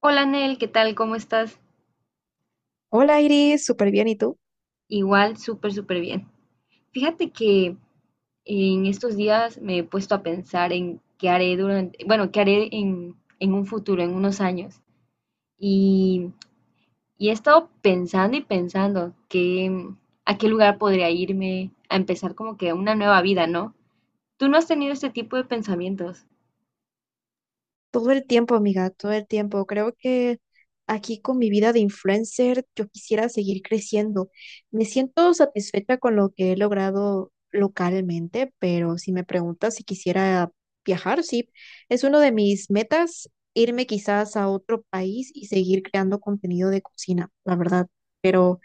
Hola Nel, ¿qué tal? ¿Cómo estás? Hola Iris, súper bien. ¿Y tú? Igual, súper bien. Fíjate que en estos días me he puesto a pensar en qué haré durante, bueno, qué haré en un futuro, en unos años. Y, y he estado pensando y pensando que, a qué lugar podría irme a empezar como que una nueva vida, ¿no? ¿Tú no has tenido este tipo de pensamientos? Todo el tiempo, amiga, todo el tiempo. Creo que aquí con mi vida de influencer yo quisiera seguir creciendo. Me siento satisfecha con lo que he logrado localmente, pero si me preguntas si quisiera viajar, sí, es uno de mis metas irme quizás a otro país y seguir creando contenido de cocina, la verdad. Pero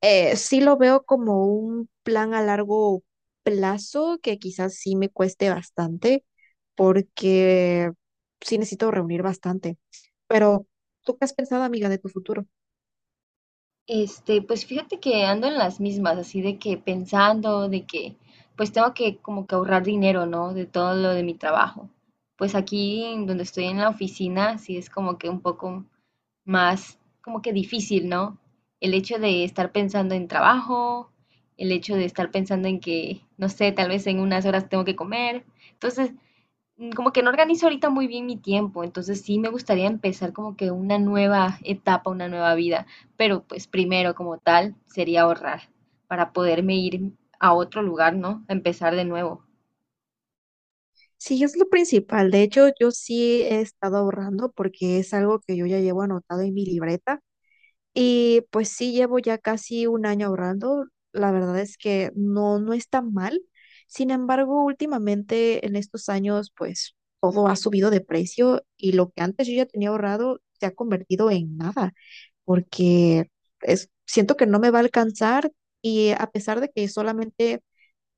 sí lo veo como un plan a largo plazo que quizás sí me cueste bastante porque sí necesito reunir bastante. Pero, ¿tú qué has pensado, amiga, de tu futuro? Este, pues fíjate que ando en las mismas, así de que pensando, de que pues tengo que como que ahorrar dinero, ¿no? De todo lo de mi trabajo. Pues aquí en donde estoy en la oficina, sí es como que un poco más, como que difícil, ¿no? El hecho de estar pensando en trabajo, el hecho de estar pensando en que, no sé, tal vez en unas horas tengo que comer. Entonces, como que no organizo ahorita muy bien mi tiempo, entonces sí me gustaría empezar como que una nueva etapa, una nueva vida, pero pues primero como tal sería ahorrar para poderme ir a otro lugar, ¿no? A empezar de nuevo. Sí, es lo principal. De hecho, yo sí he estado ahorrando porque es algo que yo ya llevo anotado en mi libreta. Y pues sí, llevo ya casi un año ahorrando. La verdad es que no, no es tan mal. Sin embargo, últimamente en estos años, pues todo ha subido de precio y lo que antes yo ya tenía ahorrado se ha convertido en nada, porque es, siento que no me va a alcanzar y a pesar de que solamente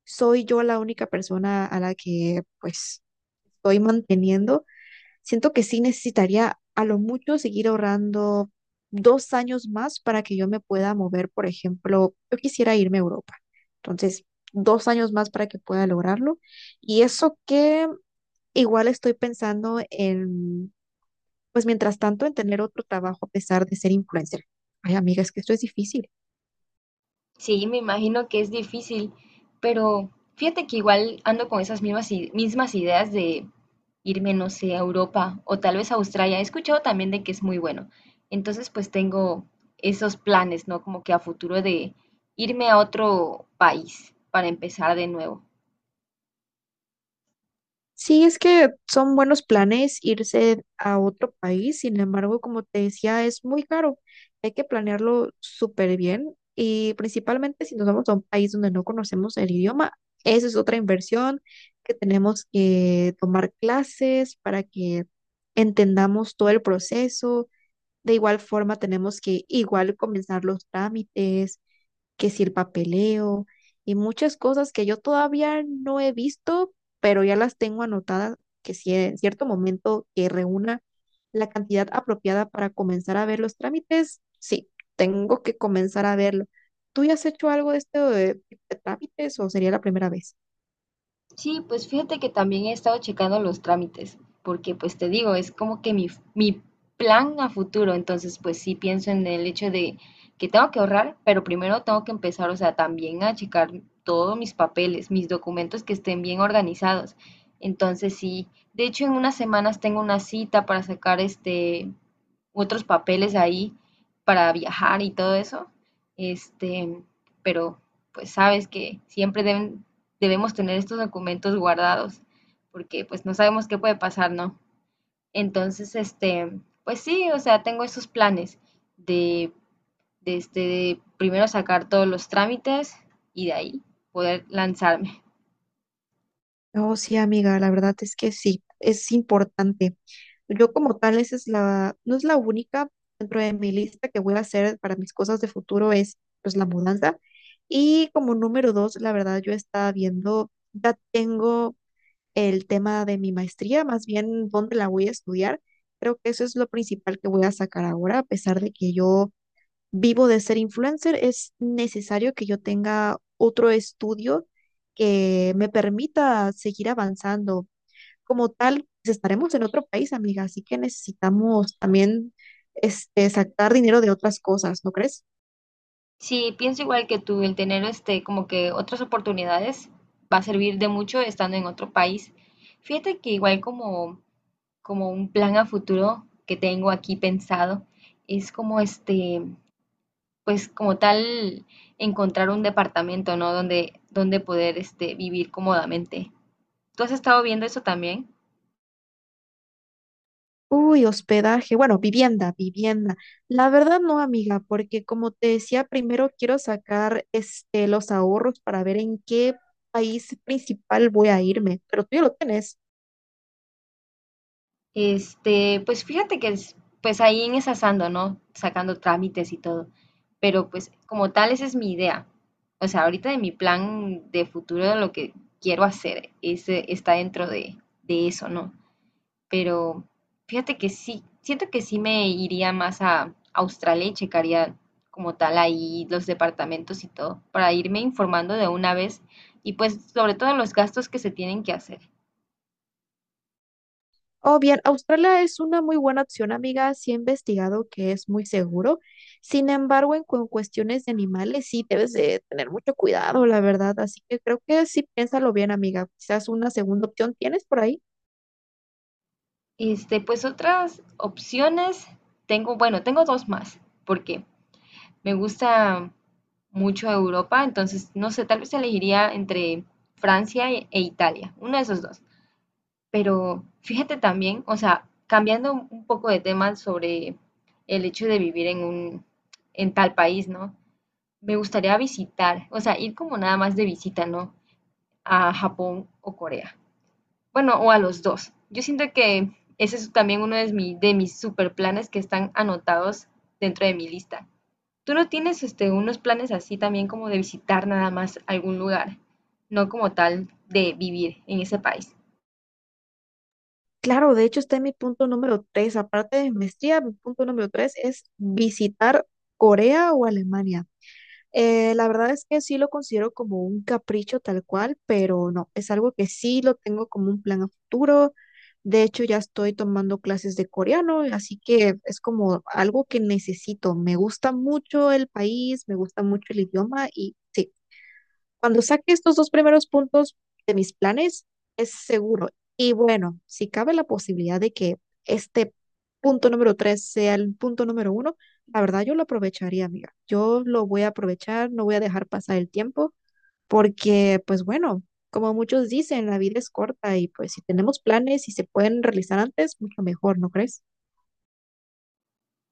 soy yo la única persona a la que pues estoy manteniendo. Siento que sí necesitaría a lo mucho seguir ahorrando 2 años más para que yo me pueda mover, por ejemplo, yo quisiera irme a Europa. Entonces, 2 años más para que pueda lograrlo. Y eso que igual estoy pensando en, pues mientras tanto, en tener otro trabajo a pesar de ser influencer. Ay, amiga, es que esto es difícil. Sí, me imagino que es difícil, pero fíjate que igual ando con esas mismas, mismas ideas de irme, no sé, a Europa o tal vez a Australia. He escuchado también de que es muy bueno. Entonces, pues tengo esos planes, ¿no? Como que a futuro de irme a otro país para empezar de nuevo. Sí, es que son buenos planes irse a otro país, sin embargo, como te decía, es muy caro. Hay que planearlo súper bien y principalmente si nos vamos a un país donde no conocemos el idioma, esa es otra inversión que tenemos que tomar clases para que entendamos todo el proceso. De igual forma, tenemos que igual comenzar los trámites que si el papeleo y muchas cosas que yo todavía no he visto, pero ya las tengo anotadas, que si en cierto momento que reúna la cantidad apropiada para comenzar a ver los trámites, sí, tengo que comenzar a verlo. ¿Tú ya has hecho algo de esto de trámites o sería la primera vez? Sí, pues fíjate que también he estado checando los trámites, porque pues te digo, es como que mi plan a futuro, entonces pues sí pienso en el hecho de que tengo que ahorrar, pero primero tengo que empezar, o sea, también a checar todos mis papeles, mis documentos que estén bien organizados. Entonces sí, de hecho en unas semanas tengo una cita para sacar este otros papeles ahí para viajar y todo eso. Este, pero pues sabes que siempre debemos tener estos documentos guardados porque pues no sabemos qué puede pasar, ¿no? Entonces, este, pues sí, o sea, tengo esos planes de, de, este, de primero sacar todos los trámites y de ahí poder lanzarme. Oh, sí, amiga, la verdad es que sí, es importante. Yo como tal, esa es la, no es la única dentro de mi lista que voy a hacer para mis cosas de futuro es pues la mudanza. Y como número 2, la verdad, yo estaba viendo, ya tengo el tema de mi maestría, más bien dónde la voy a estudiar. Creo que eso es lo principal que voy a sacar ahora, a pesar de que yo vivo de ser influencer, es necesario que yo tenga otro estudio que me permita seguir avanzando como tal, pues, estaremos en otro país, amiga, así que necesitamos también este, sacar dinero de otras cosas, ¿no crees? Sí, pienso igual que tú, el tener este como que otras oportunidades va a servir de mucho estando en otro país. Fíjate que igual como un plan a futuro que tengo aquí pensado es como este, pues como tal encontrar un departamento, ¿no? Donde poder este vivir cómodamente. ¿Tú has estado viendo eso también? Uy, hospedaje, bueno, vivienda, vivienda. La verdad no, amiga, porque como te decía, primero quiero sacar este, los ahorros para ver en qué país principal voy a irme, pero tú ya lo tienes. Este, pues fíjate que es, pues ahí en esas ando, ¿no? Sacando trámites y todo. Pero pues como tal, esa es mi idea. O sea, ahorita de mi plan de futuro, de lo que quiero hacer, ese está dentro de eso, ¿no? Pero fíjate que sí, siento que sí me iría más a Australia y checaría como tal ahí los departamentos y todo, para irme informando de una vez y pues sobre todo los gastos que se tienen que hacer. Oh, bien, Australia es una muy buena opción, amiga. Sí he investigado que es muy seguro. Sin embargo, en, cuestiones de animales sí debes de tener mucho cuidado, la verdad. Así que creo que sí piénsalo bien, amiga. Quizás una segunda opción tienes por ahí. Este, pues otras opciones, tengo, bueno, tengo dos más, porque me gusta mucho Europa, entonces, no sé, tal vez elegiría entre Francia e Italia, uno de esos dos. Pero fíjate también, o sea, cambiando un poco de tema sobre el hecho de vivir en un, en tal país, ¿no? Me gustaría visitar, o sea, ir como nada más de visita, ¿no? A Japón o Corea. Bueno, o a los dos. Yo siento que ese es también uno de, de mis super planes que están anotados dentro de mi lista. ¿Tú no tienes este, unos planes así también como de visitar nada más algún lugar, no como tal de vivir en ese país? Claro, de hecho está en mi punto número 3. Aparte de maestría, mi punto número 3 es visitar Corea o Alemania. La verdad es que sí lo considero como un capricho tal cual, pero no, es algo que sí lo tengo como un plan a futuro. De hecho, ya estoy tomando clases de coreano, así que es como algo que necesito. Me gusta mucho el país, me gusta mucho el idioma y sí. Cuando saque estos dos primeros puntos de mis planes, es seguro. Y bueno, si cabe la posibilidad de que este punto número tres sea el punto número 1, la verdad yo lo aprovecharía, amiga. Yo lo voy a aprovechar, no voy a dejar pasar el tiempo, porque pues bueno, como muchos dicen, la vida es corta y pues si tenemos planes y se pueden realizar antes, mucho mejor, ¿no crees?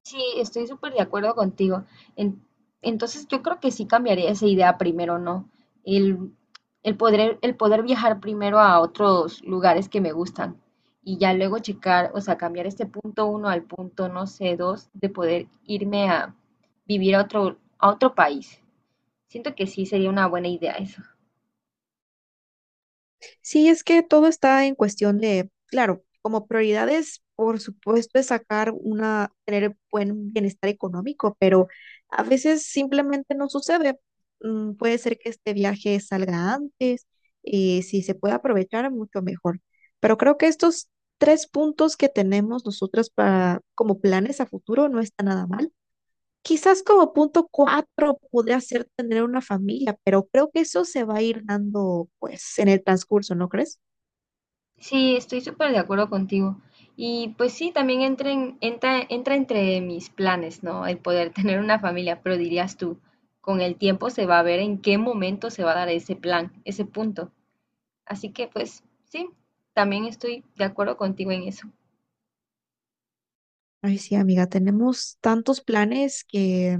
Sí, estoy súper de acuerdo contigo. En- entonces yo creo que sí cambiaría esa idea primero, ¿no? El, el poder viajar primero a otros lugares que me gustan y ya luego checar, o sea, cambiar este punto uno al punto, no sé, dos, de poder irme a vivir a otro país. Siento que sí sería una buena idea eso. Sí, es que todo está en cuestión de, claro, como prioridades, por supuesto, es sacar una, tener buen bienestar económico, pero a veces simplemente no sucede. Mm, puede ser que este viaje salga antes y si se puede aprovechar, mucho mejor. Pero creo que estos tres puntos que tenemos nosotros para, como planes a futuro no está nada mal. Quizás como punto cuatro podría ser tener una familia, pero creo que eso se va a ir dando pues en el transcurso, ¿no crees? Sí, estoy súper de acuerdo contigo. Y pues sí, también entra entre mis planes, ¿no? El poder tener una familia, pero dirías tú, con el tiempo se va a ver en qué momento se va a dar ese plan, ese punto. Así que pues sí, también estoy de acuerdo contigo en eso. Ay, sí, amiga, tenemos tantos planes que,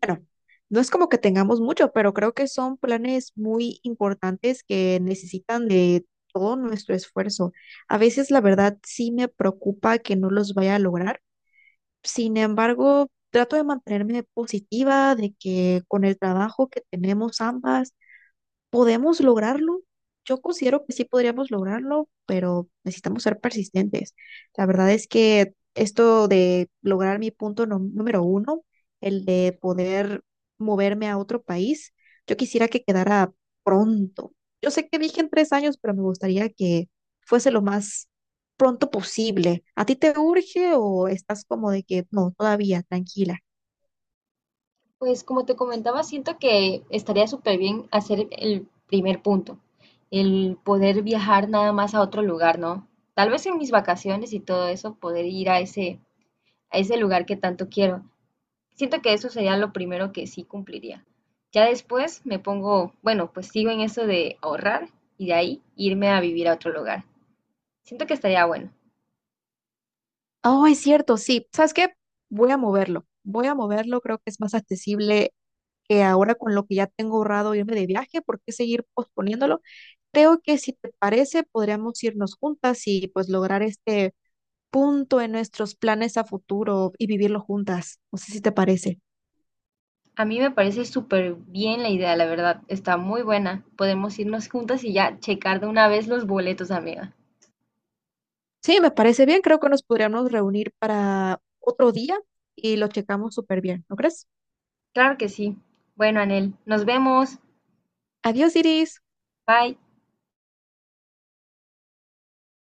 bueno, no es como que tengamos mucho, pero creo que son planes muy importantes que necesitan de todo nuestro esfuerzo. A veces, la verdad, sí me preocupa que no los vaya a lograr. Sin embargo, trato de mantenerme positiva, de que con el trabajo que tenemos ambas, ¿podemos lograrlo? Yo considero que sí podríamos lograrlo, pero necesitamos ser persistentes. La verdad es que esto de lograr mi punto número 1, el de poder moverme a otro país, yo quisiera que quedara pronto. Yo sé que dije en 3 años, pero me gustaría que fuese lo más pronto posible. ¿A ti te urge o estás como de que no, todavía, tranquila? Pues como te comentaba, siento que estaría súper bien hacer el primer punto, el poder viajar nada más a otro lugar, ¿no? Tal vez en mis vacaciones y todo eso, poder ir a ese lugar que tanto quiero. Siento que eso sería lo primero que sí cumpliría. Ya después me pongo, bueno, pues sigo en eso de ahorrar y de ahí irme a vivir a otro lugar. Siento que estaría bueno. Oh, es cierto, sí. ¿Sabes qué? Voy a moverlo. Voy a moverlo, creo que es más accesible que ahora con lo que ya tengo ahorrado irme de viaje, ¿por qué seguir posponiéndolo? Creo que si te parece, podríamos irnos juntas y pues lograr este punto en nuestros planes a futuro y vivirlo juntas. No sé si te parece. A mí me parece súper bien la idea, la verdad. Está muy buena. Podemos irnos juntas y ya checar de una vez los boletos, amiga. Sí, me parece bien. Creo que nos podríamos reunir para otro día y lo checamos súper bien, ¿no crees? Claro que sí. Bueno, Anel, nos vemos. Adiós, Iris. Bye.